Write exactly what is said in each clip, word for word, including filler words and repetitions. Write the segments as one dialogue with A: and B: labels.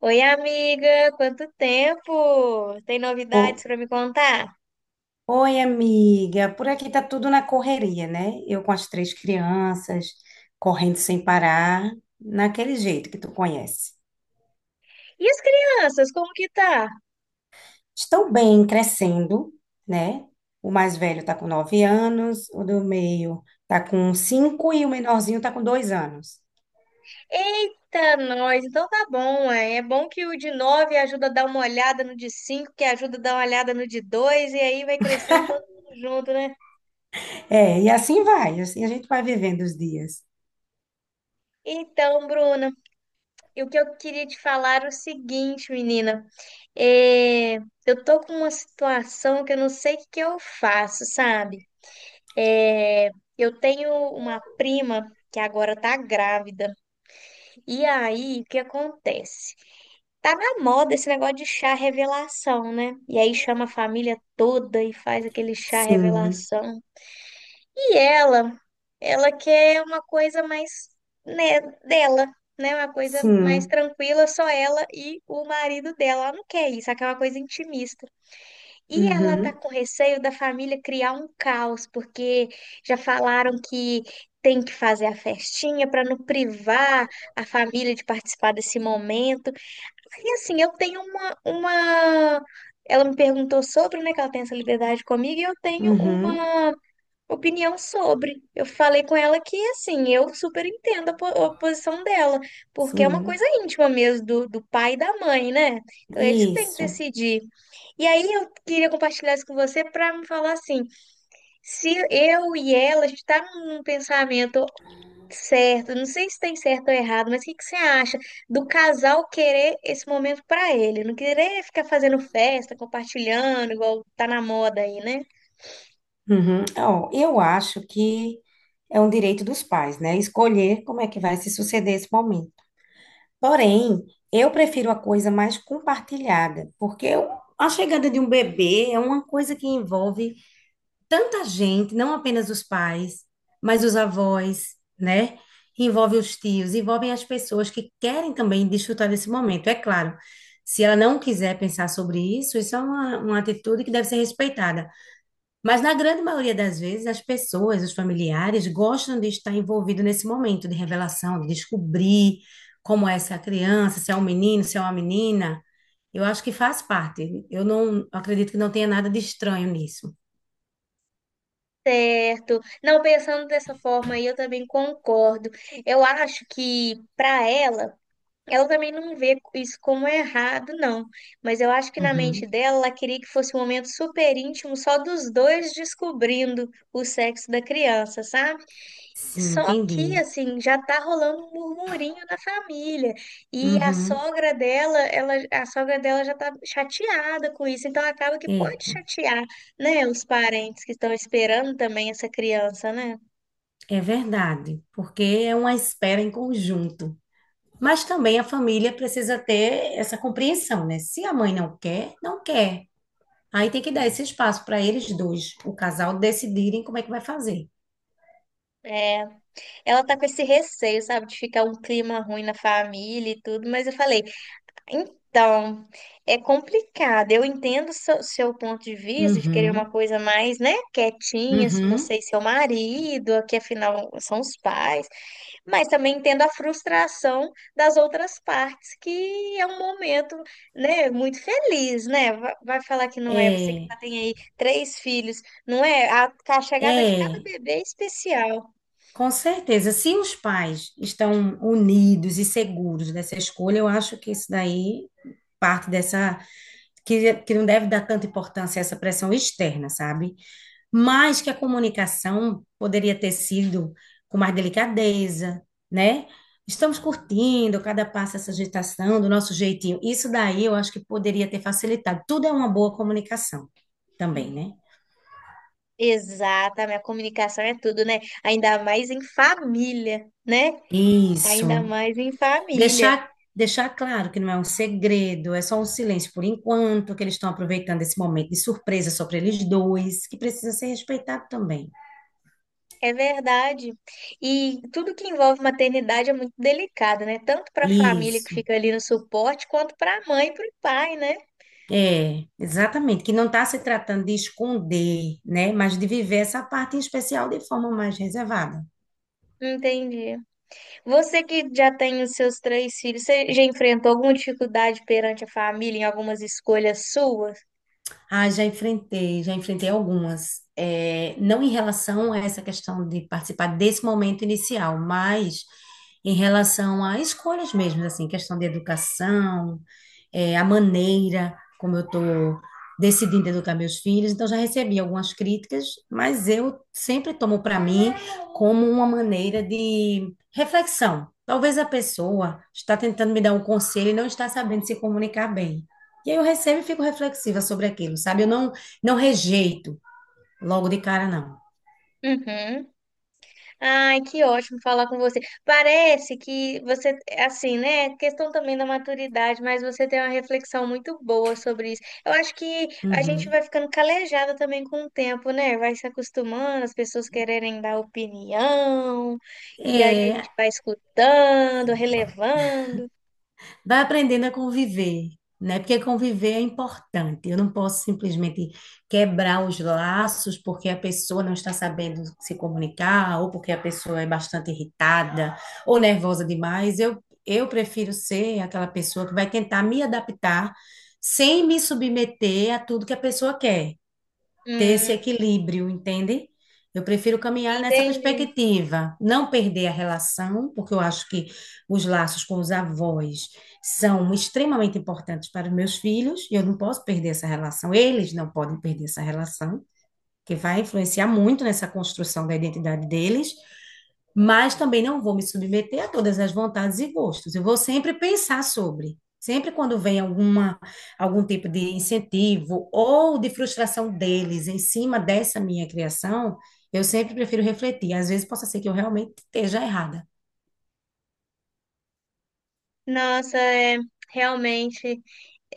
A: Oi, amiga, quanto tempo? Tem novidades
B: O-
A: para me contar?
B: Oi, amiga. Por aqui tá tudo na correria, né? Eu com as três crianças, correndo sem parar, naquele jeito que tu conhece.
A: E as crianças, como que tá?
B: Estão bem, crescendo, né? O mais velho tá com nove anos, o do meio tá com cinco e o menorzinho tá com dois anos.
A: Eita, nós, então tá bom, ué. É bom que o de nove ajuda a dar uma olhada no de cinco, que ajuda a dar uma olhada no de dois e aí vai crescendo todo mundo junto, né?
B: É, e assim vai, assim a gente vai vivendo os dias.
A: Então, Bruna, e o que eu queria te falar é o seguinte, menina, é... eu tô com uma situação que eu não sei o que que eu faço, sabe? É... Eu tenho uma prima que agora tá grávida. E aí, o que acontece? Tá na moda esse negócio de chá revelação, né? E aí chama a família toda e faz aquele chá
B: Sim,
A: revelação. E ela, ela quer uma coisa mais, né, dela, né? Uma coisa mais
B: sim,
A: tranquila, só ela e o marido dela. Ela não quer isso, ela quer uma coisa intimista. E ela tá
B: uhum,
A: com receio da família criar um caos, porque já falaram que tem que fazer a festinha para não privar a família de participar desse momento. E assim, eu tenho uma, uma... ela me perguntou sobre, né, que ela tem essa liberdade comigo, e eu tenho
B: uhum,
A: uma opinião sobre. Eu falei com ela que, assim, eu super entendo a, po- a posição dela, porque é uma
B: sim,
A: coisa íntima mesmo do, do pai e da mãe, né? Então, eles que têm que
B: isso.
A: decidir. E aí, eu queria compartilhar isso com você para me falar assim: se eu e ela, a gente tá num pensamento certo, não sei se tem certo ou errado, mas o que que você acha do casal querer esse momento para ele? Não querer ficar fazendo festa, compartilhando, igual tá na moda aí, né?
B: Uhum. Ó, eu acho que é um direito dos pais, né? Escolher como é que vai se suceder esse momento. Porém, eu prefiro a coisa mais compartilhada, porque eu- a chegada de um bebê é uma coisa que envolve tanta gente, não apenas os pais, mas os avós, né? Envolve os tios, envolvem as pessoas que querem também desfrutar desse momento. É claro, se ela não quiser pensar sobre isso, isso é uma, uma atitude que deve ser respeitada. Mas na grande maioria das vezes, as pessoas, os familiares, gostam de estar envolvido nesse momento de revelação, de descobrir como é essa criança, se é um menino, se é uma menina. Eu acho que faz parte. Eu não acredito que não tenha nada de estranho nisso.
A: Certo. Não, pensando dessa forma aí, eu também concordo. Eu acho que para ela, ela também não vê isso como errado, não. Mas eu acho que na mente
B: Uhum.
A: dela, ela queria que fosse um momento super íntimo, só dos dois descobrindo o sexo da criança, sabe?
B: Sim,
A: Só que,
B: entendi.
A: assim, já tá rolando um murmurinho na família. E a
B: Uhum.
A: sogra dela, ela, a sogra dela já tá chateada com isso. Então acaba que pode
B: Eita,
A: chatear, né, os parentes que estão esperando também essa criança, né?
B: é verdade, porque é uma espera em conjunto. Mas também a família precisa ter essa compreensão, né? Se a mãe não quer, não quer. Aí tem que dar esse espaço para eles dois, o casal, decidirem como é que vai fazer.
A: É, ela tá com esse receio, sabe, de ficar um clima ruim na família e tudo, mas eu falei, então, é complicado. Eu entendo seu, seu ponto de vista de querer uma
B: Uhum,
A: coisa mais, né, quietinha, se
B: uhum.
A: você e seu marido, que afinal são os pais. Mas também entendo a frustração das outras partes, que é um momento, né, muito feliz, né? Va- Vai falar que não é, você que
B: É,
A: já tem aí três filhos, não é? A, a chegada de cada
B: é,
A: bebê é especial.
B: com certeza. Se os pais estão unidos e seguros dessa escolha, eu acho que isso daí parte dessa. Que, que não deve dar tanta importância a essa pressão externa, sabe? Mas que a comunicação poderia ter sido com mais delicadeza, né? Estamos curtindo cada passo essa agitação do nosso jeitinho. Isso daí eu acho que poderia ter facilitado. Tudo é uma boa comunicação também,
A: Sim.
B: né?
A: Exatamente, a comunicação é tudo, né? Ainda mais em família, né?
B: Isso.
A: Ainda mais em família.
B: Deixar deixar claro que não é um segredo, é só um silêncio por enquanto, que eles estão aproveitando esse momento de surpresa só para eles dois, que precisa ser respeitado também.
A: É verdade. E tudo que envolve maternidade é muito delicado, né? Tanto para a família que
B: Isso.
A: fica ali no suporte, quanto para a mãe e para o pai, né?
B: É, exatamente, que não está se tratando de esconder, né, mas de viver essa parte em especial de forma mais reservada.
A: Entendi. Você que já tem os seus três filhos, você já enfrentou alguma dificuldade perante a família em algumas escolhas suas?
B: Ah, já enfrentei, já enfrentei algumas. É, não em relação a essa questão de participar desse momento inicial, mas em relação a escolhas mesmo, assim, questão de educação, é, a maneira como eu estou decidindo educar meus filhos. Então, já recebi algumas críticas, mas eu sempre tomo para mim como uma maneira de reflexão. Talvez a pessoa está tentando me dar um conselho e não está sabendo se comunicar bem. E aí eu recebo e fico reflexiva sobre aquilo, sabe? Eu não, não rejeito logo de cara, não.
A: Uhum. Ai, que ótimo falar com você. Parece que você, assim, né? Questão também da maturidade, mas você tem uma reflexão muito boa sobre isso. Eu acho que a gente
B: Uhum.
A: vai ficando calejada também com o tempo, né? Vai se acostumando, as pessoas quererem dar opinião, e aí a gente
B: É,
A: vai escutando, relevando.
B: vai aprendendo a conviver, né? Porque conviver é importante. Eu não posso simplesmente quebrar os laços porque a pessoa não está sabendo se comunicar, ou porque a pessoa é bastante irritada ou nervosa demais. Eu, eu prefiro ser aquela pessoa que vai tentar me adaptar sem me submeter a tudo que a pessoa quer. Ter esse
A: Hum,
B: equilíbrio, entende? Eu prefiro caminhar nessa
A: entendi.
B: perspectiva, não perder a relação, porque eu acho que os laços com os avós são extremamente importantes para os meus filhos, e eu não posso perder essa relação, eles não podem perder essa relação, que vai influenciar muito nessa construção da identidade deles, mas também não vou me submeter a todas as vontades e gostos. Eu vou sempre pensar sobre. Sempre quando vem alguma, algum tipo de incentivo ou de frustração deles em cima dessa minha criação, eu sempre prefiro refletir. Às vezes possa ser que eu realmente esteja errada.
A: Nossa, é, realmente,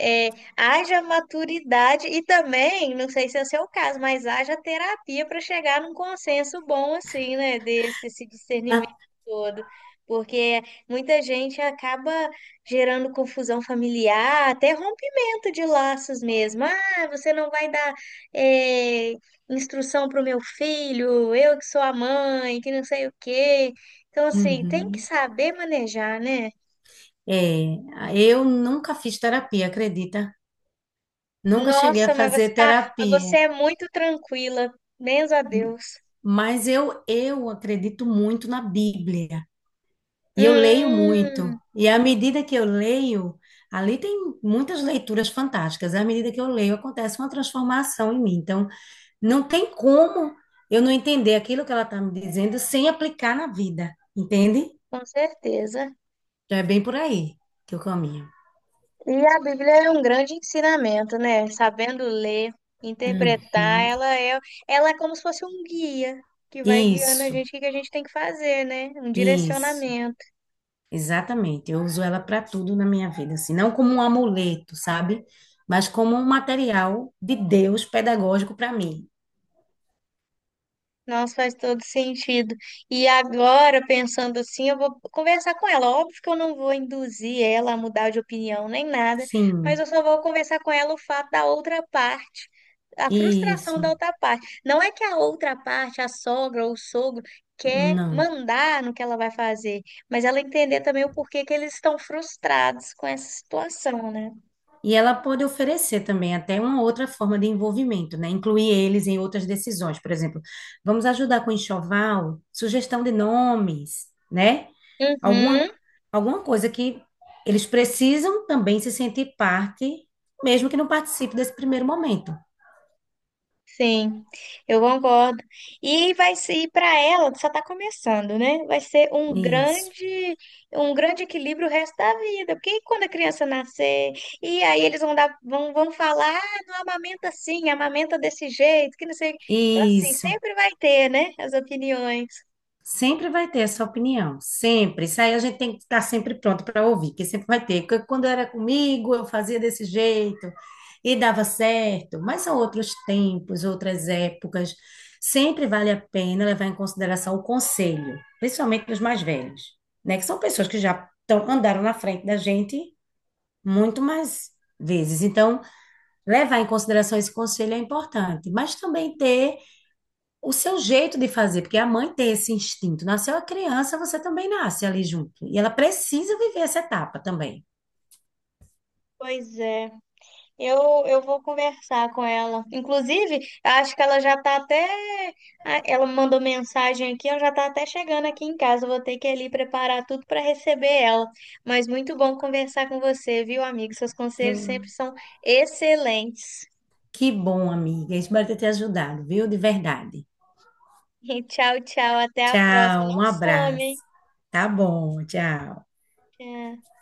A: é, haja maturidade e também, não sei se é o seu caso, mas haja terapia para chegar num consenso bom assim, né, desse esse
B: Ah,
A: discernimento todo. Porque muita gente acaba gerando confusão familiar, até rompimento de laços mesmo. Ah, você não vai dar é, instrução para o meu filho, eu que sou a mãe, que não sei o quê. Então, assim, tem que
B: uhum.
A: saber manejar, né?
B: É, eu nunca fiz terapia, acredita? Nunca cheguei a
A: Nossa, mas você
B: fazer
A: tá, mas você
B: terapia.
A: é muito tranquila. Benza a Deus.
B: Mas eu, eu acredito muito na Bíblia e eu leio muito.
A: Hum,
B: E à medida que eu leio, ali tem muitas leituras fantásticas. À medida que eu leio, acontece uma transformação em mim. Então, não tem como eu não entender aquilo que ela está me dizendo sem aplicar na vida, entende?
A: com certeza.
B: Então, é bem por aí que eu caminho.
A: E a Bíblia é um grande ensinamento, né? Sabendo ler, interpretar,
B: Uhum.
A: ela é, ela é como se fosse um guia que vai guiando a
B: Isso,
A: gente o que que a gente tem que fazer, né? Um
B: isso.
A: direcionamento.
B: Exatamente, eu uso ela para tudo na minha vida, assim, não como um amuleto, sabe? Mas como um material de Deus pedagógico para mim.
A: Nossa, faz todo sentido. E agora, pensando assim, eu vou conversar com ela. Óbvio que eu não vou induzir ela a mudar de opinião nem nada, mas
B: Sim,
A: eu só vou conversar com ela o fato da outra parte, a frustração
B: isso,
A: da outra parte. Não é que a outra parte, a sogra ou o sogro, quer
B: não.
A: mandar no que ela vai fazer, mas ela entender também o porquê que eles estão frustrados com essa situação, né?
B: E ela pode oferecer também até uma outra forma de envolvimento, né? Incluir eles em outras decisões, por exemplo, vamos ajudar com enxoval, sugestão de nomes, né? Alguma,
A: Uhum.
B: alguma coisa que eles precisam também se sentir parte, mesmo que não participe desse primeiro momento.
A: Sim, eu concordo. E vai ser para ela, só está começando, né? Vai ser um
B: Isso.
A: grande, um grande equilíbrio o resto da vida. Porque quando a criança nascer, e aí eles vão dar, vão, vão falar, ah, não amamenta assim, amamenta desse jeito, que não sei. Então, assim,
B: Isso.
A: sempre vai ter, né? As opiniões.
B: Sempre vai ter essa opinião, sempre. Isso aí a gente tem que estar sempre pronto para ouvir, que sempre vai ter. Porque quando era comigo, eu fazia desse jeito e dava certo. Mas são outros tempos, outras épocas. Sempre vale a pena levar em consideração o conselho, principalmente dos mais velhos, né? Que são pessoas que já tão- andaram na frente da gente muito mais vezes. Então, levar em consideração esse conselho é importante, mas também ter o seu jeito de fazer, porque a mãe tem esse instinto. Nasceu a criança, você também nasce ali junto. E ela precisa viver essa etapa também.
A: Pois é. Eu, eu vou conversar com ela. Inclusive, acho que ela já tá até. Ah, ela mandou mensagem aqui, ela já tá até chegando aqui em casa. Eu vou ter que ir ali preparar tudo para receber ela. Mas muito bom conversar com você, viu, amigo? Seus conselhos sempre
B: Pronto.
A: são excelentes.
B: Que bom, amiga. Espero ter te ajudado, viu? De verdade.
A: E tchau, tchau. Até a próxima.
B: Tchau, um
A: Não some,
B: abraço.
A: hein?
B: Tá bom, tchau.
A: Tchau.